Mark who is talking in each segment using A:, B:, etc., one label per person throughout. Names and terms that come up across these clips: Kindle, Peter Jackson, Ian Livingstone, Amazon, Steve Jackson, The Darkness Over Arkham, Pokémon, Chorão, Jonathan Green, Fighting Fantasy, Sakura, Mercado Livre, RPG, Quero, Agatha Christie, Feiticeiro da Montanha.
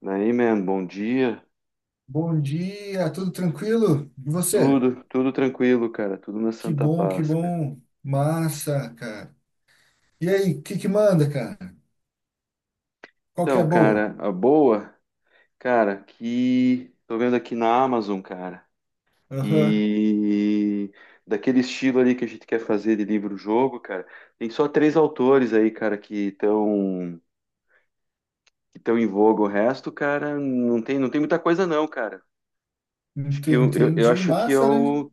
A: Daí, man, bom dia.
B: Bom dia, tudo tranquilo? E você?
A: Tudo, tudo tranquilo, cara. Tudo na
B: Que
A: santa
B: bom, que
A: paz, cara.
B: bom. Massa, cara. E aí, o que que manda, cara? Qual que é a
A: Então,
B: boa?
A: cara, a boa, cara, que tô vendo aqui na Amazon, cara.
B: Aham,
A: E daquele estilo ali que a gente quer fazer de livro-jogo, cara, tem só três autores aí, cara, que estão em voga. O resto, cara, não tem muita coisa não, cara. Acho que eu
B: entendi.
A: acho que é
B: Massa, né?
A: o.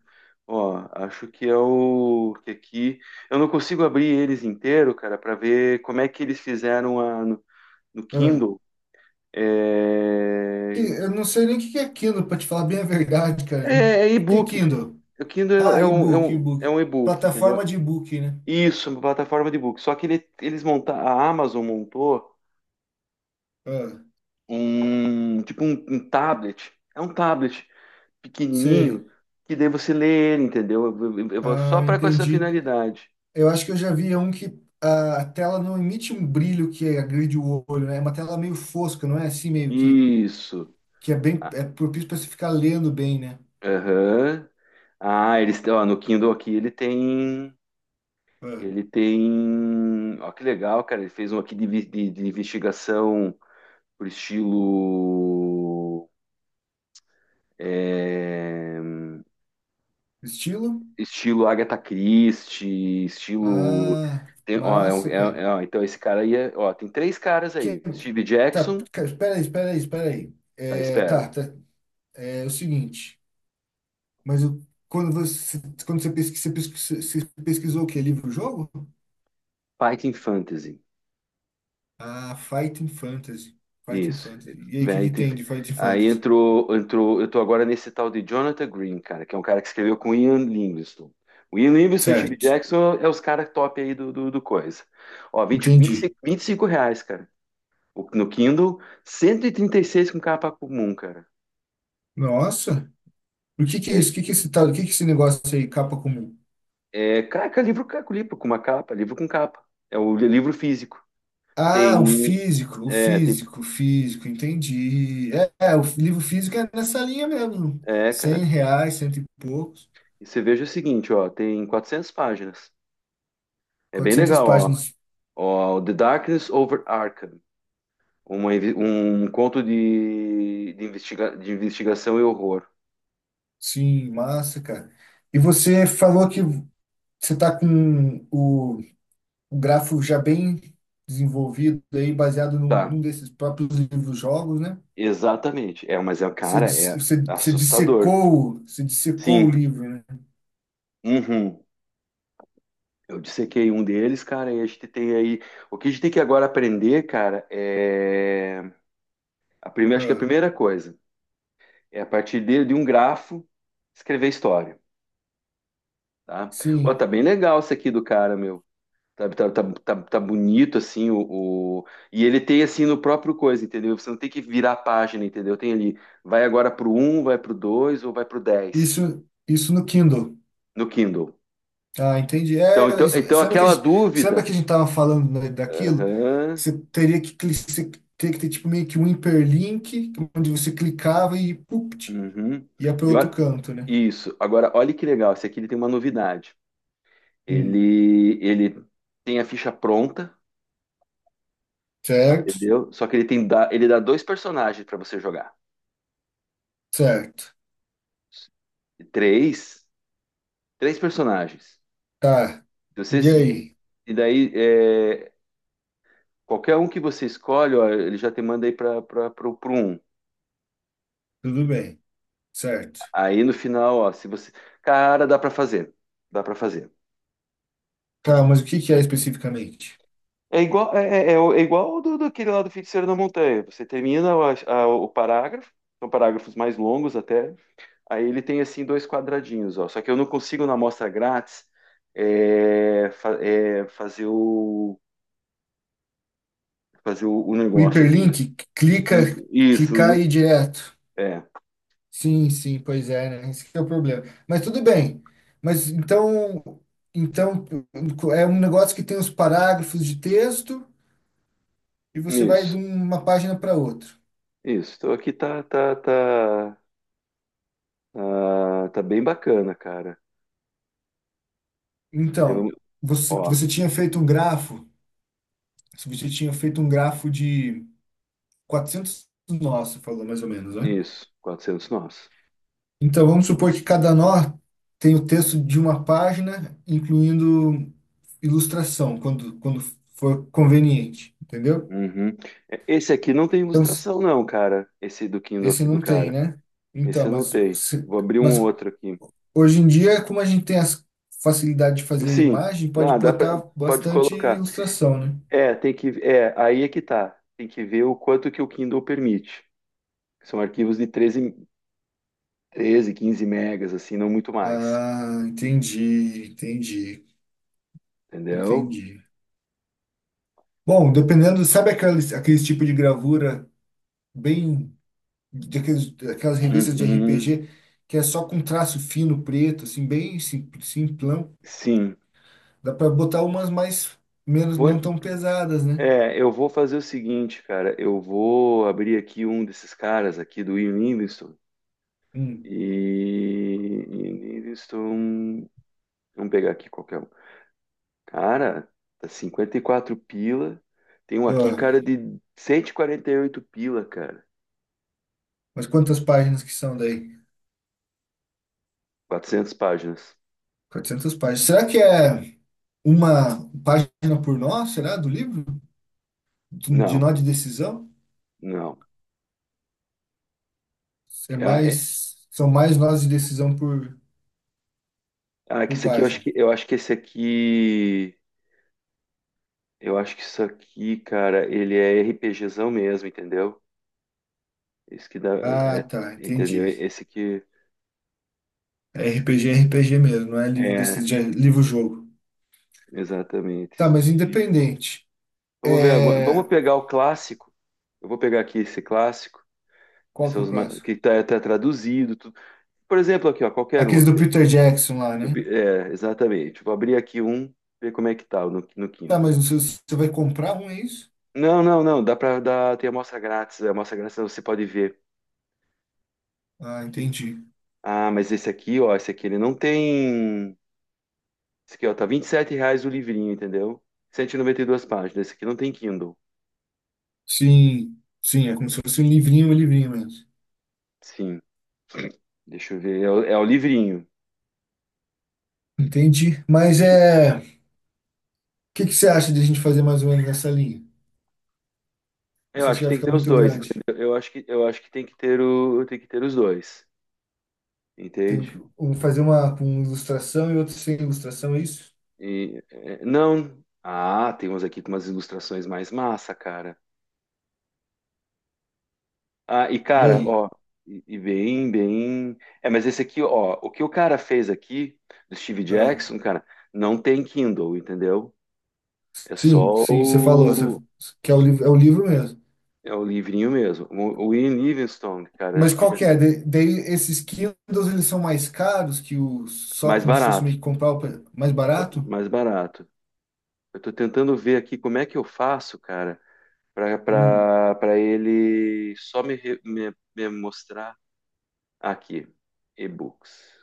A: Ó, acho que é o. Que aqui. Eu não consigo abrir eles inteiro, cara, para ver como é que eles fizeram a, no, no
B: Ah,
A: Kindle. É,
B: eu não sei nem o que que é Kindle, pra te falar bem a verdade, cara.
A: é, é
B: O que é
A: e-book.
B: Kindle?
A: O Kindle é,
B: Ah,
A: é um, é
B: e-book,
A: um, é
B: e-book.
A: um e-book,
B: Plataforma
A: entendeu?
B: de e-book, né?
A: Isso, uma plataforma de e-book. Só que eles montaram. A Amazon montou
B: Ah,
A: um. Tipo um tablet. É um tablet
B: sei.
A: pequenininho. Que daí você lê ele, entendeu? Eu vou só
B: Ah,
A: para com essa
B: entendi.
A: finalidade.
B: Eu acho que eu já vi um que a tela não emite um brilho que agride o olho, né? É uma tela meio fosca, não é assim meio
A: Isso.
B: que é bem,
A: Ah,
B: é propício para você ficar lendo bem, né?
A: aham. Ah, eles têm, ó, no Kindle aqui ele tem.
B: É.
A: Ele tem. Ó, que legal, cara. Ele fez um aqui de investigação por estilo. é,
B: Estilo?
A: Estilo Agatha Christie, estilo.
B: Ah,
A: Tem- ó, é um-
B: massa, cara.
A: é- é, ó, então esse cara aí é, ó, tem três caras
B: Que,
A: aí. Steve
B: tá,
A: Jackson,
B: cara, espera aí, espera aí, espera aí.
A: tá, espero.
B: É o seguinte, mas o- quando você, quando você pesquisa, você pesquisou o quê? Livro-jogo?
A: Fighting Fantasy.
B: Ah, Fighting Fantasy. Fighting
A: Isso.
B: Fantasy. E aí, o que
A: Véi,
B: que
A: te-
B: tem de Fighting
A: Aí
B: Fantasy?
A: entrou. Eu tô agora nesse tal de Jonathan Green, cara, que é um cara que escreveu com Ian Livingstone. O Ian Livingstone e o Steve
B: Certo,
A: Jackson é os caras top aí do coisa. Ó, vinte, vinte e
B: entendi.
A: cinco vinte e cinco reais, cara. No Kindle, cento e trinta e seis com capa comum, cara.
B: Nossa, o que que é isso?
A: É,
B: O que que é esse tal? O que que é esse negócio aí, capa comum?
A: caraca, livro com uma capa, livro com capa. É o livro físico.
B: Ah, o
A: Tem.
B: físico, o
A: É, tem,
B: físico, o físico, entendi. O livro físico é nessa linha mesmo.
A: é,
B: Cem
A: cara.
B: reais, cento e poucos.
A: E você veja o seguinte, ó, tem 400 páginas. É bem
B: 400
A: legal, ó.
B: páginas.
A: Ó, The Darkness Over Arkham. Um conto de investigação e horror.
B: Sim, massa, cara. E você falou que você tá com o grafo já bem desenvolvido aí, baseado
A: Tá,
B: num desses próprios livros-jogos, né?
A: exatamente. É, mas é, cara, é assustador.
B: Você dissecou o
A: Sim,
B: livro, né?
A: uhum. Eu dissequei um deles, cara, e a gente tem aí. O que a gente tem que agora aprender, cara, é. A primeira, acho que a
B: Ah,
A: primeira coisa é a partir de um grafo escrever história, tá? Ó,
B: sim.
A: tá bem legal esse aqui do cara, meu. Tá, tá, tá, tá, tá bonito, assim, o- E ele tem, assim, no próprio coisa, entendeu? Você não tem que virar a página, entendeu? Tem ali, vai agora pro um vai pro dois ou vai pro dez
B: Isso no Kindle.
A: no Kindle.
B: Ah, entendi. É,
A: Então
B: se lembra que a
A: aquela
B: gente, se lembra
A: dúvida...
B: que a gente tava falando, né, daquilo?
A: Aham,
B: Você teria que ter tipo meio que um hiperlink, onde você clicava e pupt,
A: uhum.
B: ia para
A: E
B: outro
A: olha-
B: canto, né?
A: Isso. Agora, olha que legal, esse aqui ele tem uma novidade.
B: Hum,
A: Ele tem a ficha pronta,
B: certo,
A: entendeu? Só que ele dá dois personagens para você jogar.
B: certo.
A: Três, três personagens.
B: Tá.
A: Se
B: E
A: Vocês...
B: aí?
A: E daí, qualquer um que você escolhe, ó, ele já te manda aí para pro um.
B: Tudo bem. Certo.
A: Aí no final, ó, se você. Cara, dá para fazer. Dá para fazer.
B: Tá, mas o que que é especificamente?
A: É igual, é igual ao daquele lá do Feiticeiro da Montanha. Você termina o parágrafo, são parágrafos mais longos até. Aí ele tem assim dois quadradinhos, ó. Só que eu não consigo na amostra grátis fazer o
B: O
A: negócio aqui.
B: hiperlink clica,
A: Isso,
B: clicar e ir direto.
A: é,
B: Sim, sim, pois é, né? Esse que é o problema. Mas tudo bem. Mas então, então é um negócio que tem os parágrafos de texto e você vai de
A: isso,
B: uma página para outra.
A: isso. Então aqui tá, tá, tá. Ah, tá bem bacana, cara. Aí
B: Então,
A: vamos- ó,
B: você tinha feito um grafo, você tinha feito um grafo de 400 nós, você falou mais ou menos, né?
A: isso, 400 nós.
B: Então, vamos supor que cada nó tem o texto de uma página, incluindo ilustração, quando for conveniente, entendeu?
A: Uhum. É, esse aqui não tem
B: Então,
A: ilustração, não, cara. Esse do Kindle
B: esse
A: aqui do
B: não tem,
A: cara.
B: né?
A: Esse
B: Então,
A: eu não
B: mas,
A: tem.
B: se-
A: Vou abrir um
B: mas
A: outro aqui.
B: hoje em dia, como a gente tem a facilidade de fazer
A: Sim,
B: imagem, pode
A: não, dá pra,
B: botar
A: pode
B: bastante
A: colocar.
B: ilustração, né?
A: É, tem que, é, aí é que tá. Tem que ver o quanto que o Kindle permite. São arquivos de treze 15 megas, assim, não muito mais.
B: Ah, entendi, entendi,
A: Entendeu?
B: entendi. Bom, dependendo, sabe aqueles tipo de gravura bem daquelas revistas de
A: Uhum.
B: RPG que é só com traço fino preto, assim, simplão,
A: Sim.
B: dá para botar umas mais menos
A: Vou,
B: não tão pesadas, né?
A: eu vou fazer o seguinte, cara. Eu vou abrir aqui um desses caras aqui do Ian Livingstone.
B: Hum.
A: E Ian Livingstone. Vamos pegar aqui qualquer um. Cara, tá 54 pila. Tem um aqui,
B: Ah,
A: cara, de cento e quarenta e oito pila, cara.
B: mas quantas páginas que são daí?
A: Quatrocentas páginas.
B: 400 páginas. Será que é uma página por nó, será, do livro? De
A: Não,
B: nó de decisão?
A: não.
B: É
A: Ah, é-
B: mais, são mais nós de decisão
A: ah, é que
B: por
A: esse aqui eu acho
B: página.
A: que eu acho que esse aqui. Eu acho que isso aqui, cara, ele é RPGzão mesmo, entendeu? Esse que dá. É-
B: Ah,
A: é-
B: tá,
A: entendeu?
B: entendi.
A: Esse que
B: É RPG mesmo, não é livro desse,
A: é,
B: de, livro-jogo.
A: exatamente.
B: Tá, mas
A: Esti-
B: independente.
A: Vamos ver agora.
B: É,
A: Vamos pegar o clássico. Eu vou pegar aqui esse clássico, que
B: qual que
A: são
B: é o
A: os ma-
B: próximo?
A: que tá traduzido, tudo. Por exemplo, aqui, ó, qualquer um
B: Aqueles do
A: aqui, ó.
B: Peter Jackson lá,
A: Do
B: né?
A: pi- é, exatamente. Vou abrir aqui um, ver como é que tá no
B: Tá,
A: Kindle.
B: mas você, você vai comprar um, é isso?
A: Não, não, não. Dá para dar. Tem amostra grátis. A amostra grátis você pode ver.
B: Ah, entendi.
A: Ah, mas esse aqui, ó, esse aqui ele não tem. Esse aqui, ó, tá R$ 27 o livrinho, entendeu? Cento e noventa e duas páginas. Esse aqui não tem Kindle.
B: Sim, sim, é como se fosse um livrinho mesmo.
A: Sim. Deixa eu ver. É o livrinho.
B: Entendi. Que você acha de a gente fazer mais ou menos nessa linha?
A: Eu
B: Você acha
A: acho
B: que
A: que
B: vai
A: tem que
B: ficar
A: ter os
B: muito
A: dois,
B: grande?
A: entendeu? Eu acho que tem que ter os dois,
B: Tem
A: entende?
B: que um fazer uma com ilustração e outro sem ilustração, é isso?
A: E, é, não. Ah, tem uns aqui com umas ilustrações mais massa, cara. Ah, e
B: E
A: cara,
B: aí?
A: ó, e bem, bem. É, mas esse aqui, ó, o que o cara fez aqui do Steve
B: Ah,
A: Jackson, cara, não tem Kindle, entendeu? É
B: sim,
A: só
B: sim,
A: o,
B: que é o livro mesmo.
A: é o livrinho mesmo. O Ian Livingstone, cara,
B: Mas
A: acho que
B: qual
A: já
B: que é? Daí esses Kindles, eles são mais caros que o só
A: mais
B: como se fosse meio
A: barato,
B: que comprar mais barato?
A: mais barato. Eu tô tentando ver aqui como é que eu faço, cara,
B: Hum.
A: para ele só me mostrar aqui, e-books.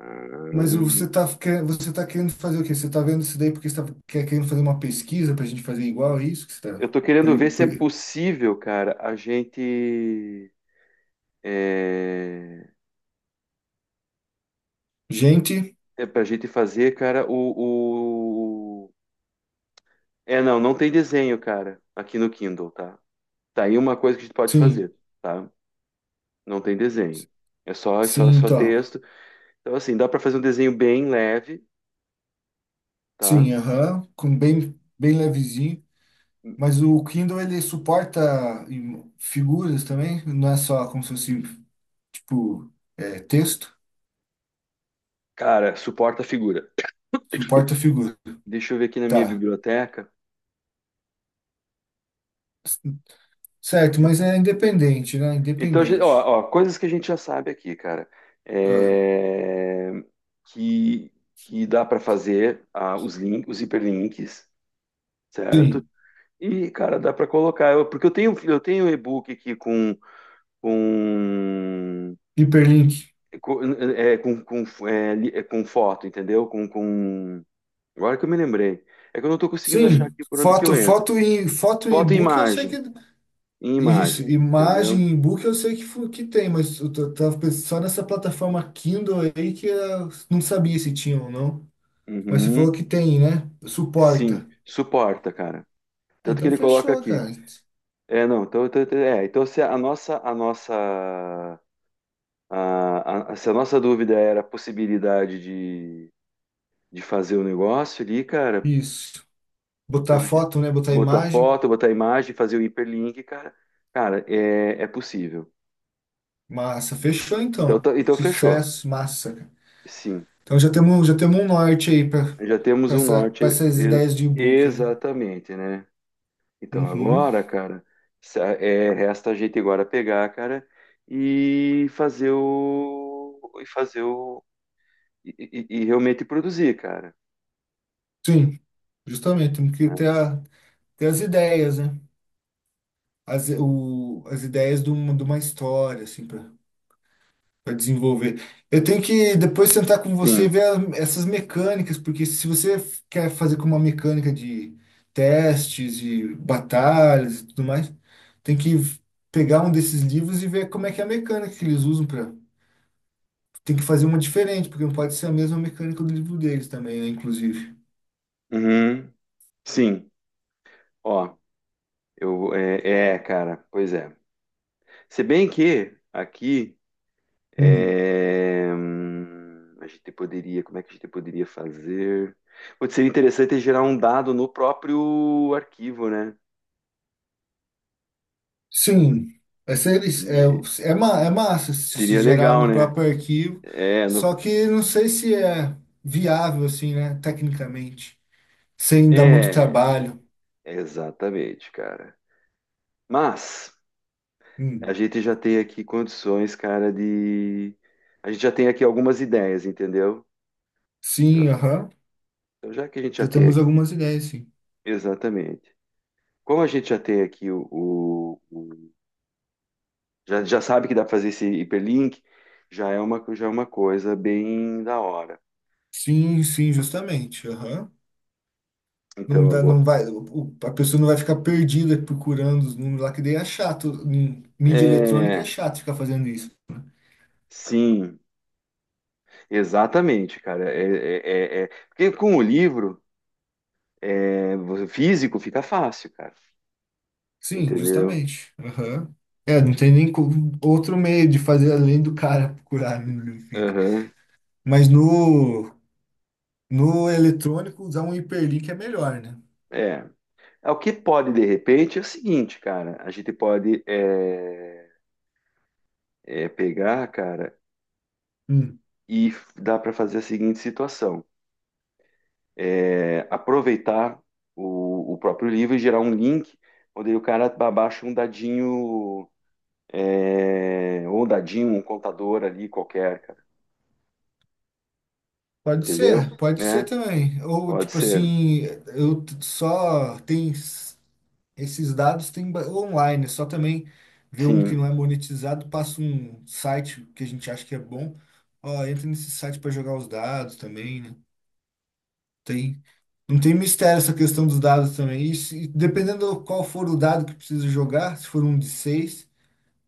A: Ah,
B: Mas você tá, você tá querendo fazer o quê? Você tá vendo isso daí porque você tá, querendo fazer uma pesquisa pra gente fazer igual, é isso que você
A: eu
B: tá...
A: tô querendo
B: pre-
A: ver se é
B: pre-
A: possível, cara, a gente é,
B: Gente,
A: é pra gente fazer, cara, o- É, não, não tem desenho, cara, aqui no Kindle, tá? Tá aí uma coisa que a gente pode
B: sim.
A: fazer, tá? Não tem desenho. É só, é só, é
B: Sim,
A: só
B: tá.
A: texto. Então, assim, dá pra fazer um desenho bem leve, tá?
B: Sim, aham, com bem, bem levezinho. Mas o Kindle, ele suporta figuras também? Não é só como se fosse, tipo, é, texto?
A: Cara, suporta a figura.
B: Suporta figura.
A: Deixa eu ver aqui na minha
B: Tá.
A: biblioteca.
B: Certo, mas é independente, né?
A: Então, a gente-
B: Independente.
A: ó, ó, coisas que a gente já sabe aqui, cara,
B: Ah,
A: é, que, que dá para fazer os hiperlinks, certo?
B: sim,
A: E, cara, dá para colocar, eu- porque eu tenho um e-book aqui com,
B: hiperlink.
A: com, com foto, entendeu? Com... Agora que eu me lembrei. É que eu não estou conseguindo achar
B: Sim,
A: aqui por onde que eu
B: foto,
A: entro.
B: e
A: Foto e
B: e-book, eu sei que
A: imagem, em
B: isso,
A: imagem,
B: imagem
A: entendeu?
B: e e-book eu sei que tem, mas tava pensando só nessa plataforma Kindle aí que eu não sabia se tinha ou não. Mas você falou
A: Uhum.
B: que tem, né?
A: Sim,
B: Suporta.
A: suporta, cara.
B: Ah,
A: Tanto que
B: então
A: ele coloca
B: fechou,
A: aqui.
B: cara.
A: É, não, então se a nossa, se a nossa dúvida era a possibilidade de fazer o negócio ali, cara,
B: Isso. Botar
A: então a gente
B: foto, né? Botar
A: botar
B: imagem.
A: foto, botar imagem, fazer o hiperlink, cara, cara, é possível.
B: Massa. Fechou
A: Então,
B: então.
A: tá- então fechou.
B: Sucesso, massa, cara.
A: Sim,
B: Então já temos um norte aí para
A: já temos um norte,
B: para essas
A: e-
B: ideias de e-book, né?
A: exatamente, né? Então
B: Uhum.
A: agora, cara, resta a gente agora pegar, cara, e fazer o e realmente produzir, cara.
B: Sim, justamente. Temos que
A: Né?
B: ter, ter as ideias, né? As ideias de uma história, assim, para desenvolver. Eu tenho que depois sentar com você e
A: Sim.
B: ver essas mecânicas, porque se quer fazer com uma mecânica de testes e batalhas e tudo mais, tem que v- pegar um desses livros e ver como é que é a mecânica que eles usam para. Tem que fazer uma diferente, porque não pode ser a mesma mecânica do livro deles também, né, inclusive.
A: Uhum. Sim. Ó, eu cara, pois é. Se bem que aqui
B: Hum,
A: a gente poderia, como é que a gente poderia fazer? Pode ser interessante é gerar um dado no próprio arquivo, né?
B: Sim, é, é massa se se
A: Seria
B: gerar
A: legal,
B: no
A: né?
B: próprio arquivo,
A: É,
B: só que não sei se é viável assim, né, tecnicamente. Sem dar muito
A: é,
B: trabalho.
A: exatamente, cara. Mas a
B: Hum.
A: gente já tem aqui condições, cara, de. A gente já tem aqui algumas ideias, entendeu?
B: Sim,
A: Então,
B: aham.
A: então, já que a gente já
B: Já
A: tem
B: temos
A: aqui.
B: algumas ideias, sim.
A: Exatamente. Como a gente já tem aqui o- já sabe que dá para fazer esse hiperlink, já é uma coisa bem da hora.
B: Sim, sim, justamente. Aham. Não
A: Então,
B: dá, não
A: agora.
B: vai, o- a pessoa não vai ficar perdida procurando os números lá, que daí é chato. Em mídia eletrônica é
A: É.
B: chato ficar fazendo isso.
A: Sim, exatamente, cara. Porque com o livro é, físico fica fácil, cara.
B: Sim,
A: Entendeu?
B: justamente. Aham. É, não tem nem co- outro meio de fazer além do cara procurar no livro.
A: Aham.
B: Mas no, no eletrônico, usar um hiperlink é melhor, né?
A: É. É, o que pode, de repente, é o seguinte, cara. A gente pode pegar, cara,
B: Hum.
A: e f- dá para fazer a seguinte situação. É, aproveitar o próprio livro e gerar um link onde o cara abaixa um dadinho, é, ou um dadinho, um contador ali qualquer, cara. Entendeu?
B: Pode ser
A: Né?
B: também. Ou
A: Pode
B: tipo
A: ser.
B: assim, só tem esses dados, tem online, é só também ver um que
A: Sim.
B: não é monetizado, passa um site que a gente acha que é bom. Ó, entra nesse site para jogar os dados também, né? Tem, não tem mistério essa questão dos dados também. E, dependendo do qual for o dado que precisa jogar, se for um de seis,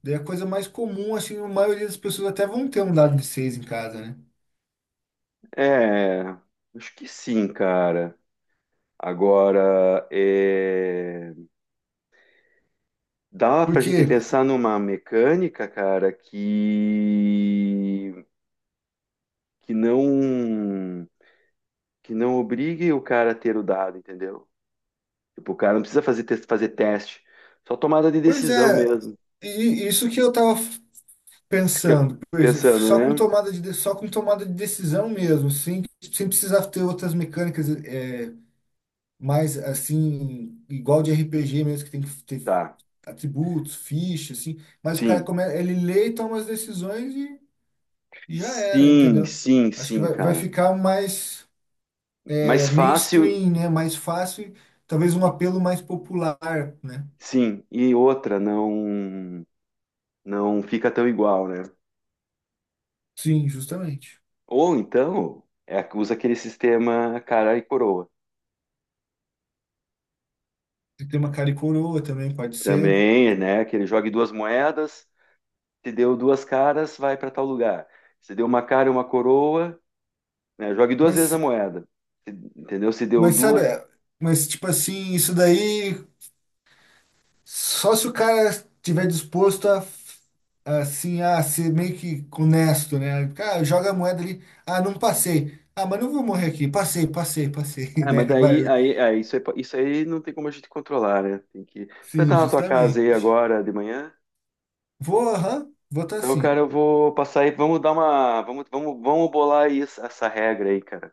B: daí é a coisa mais comum, assim, a maioria das pessoas até vão ter um dado de seis em casa, né?
A: É, acho que sim, cara. Agora, é... Dá pra gente
B: porque
A: pensar numa mecânica, cara, que não que não obrigue o cara a ter o dado, entendeu? Tipo, o cara não precisa fazer teste, só tomada de
B: Pois
A: decisão
B: é,
A: mesmo.
B: e isso que eu tava
A: Que-
B: pensando, pois, é,
A: Pensando,
B: só com
A: né?
B: tomada só com tomada de decisão mesmo, sem, sem precisar ter outras mecânicas é, mais assim, igual de RPG mesmo, que tem que ter
A: Tá.
B: atributos, fichas, assim, mas o cara
A: Sim.
B: começa, ele lê e toma as decisões e já era,
A: Sim,
B: entendeu?
A: sim,
B: Acho que
A: sim,
B: vai, vai
A: cara.
B: ficar mais é,
A: Mais fácil,
B: mainstream, né? Mais fácil, talvez um apelo mais popular, né?
A: sim. E outra, não fica tão igual, né?
B: Sim, justamente.
A: Ou então, usa aquele sistema cara e coroa.
B: E tem uma cara e coroa também, pode ser.
A: Também, né? Que ele jogue duas moedas, se deu duas caras, vai para tal lugar. Se deu uma cara e uma coroa, né? Jogue duas vezes a
B: Mas,
A: moeda. Se- Entendeu? Se deu
B: mas sabe,
A: duas.
B: mas tipo assim, isso daí só se o cara tiver disposto a assim a ser meio que honesto, né? Cara, joga a moeda ali, ah, não passei. Ah, mas não vou morrer aqui. Passei, passei, passei,
A: Ah, mas
B: né?
A: daí
B: Vai.
A: aí, isso aí, isso aí não tem como a gente controlar, né? Tem que... Você vai
B: Sim,
A: estar na tua casa aí
B: justamente.
A: agora de manhã?
B: Vou, aham, vou estar
A: Então,
B: assim.
A: cara, eu vou passar aí. Vamos dar uma. Vamos, vamos, vamos bolar aí essa regra aí, cara.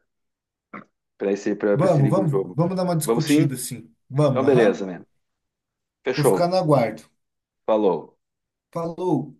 A: Para esse
B: Vamos, vamos,
A: livro-jogo.
B: vamos dar uma
A: Vamos
B: discutida
A: sim?
B: assim.
A: Então,
B: Vamos, aham.
A: beleza, mano.
B: Vou ficar
A: Fechou.
B: no aguardo.
A: Falou.
B: Falou.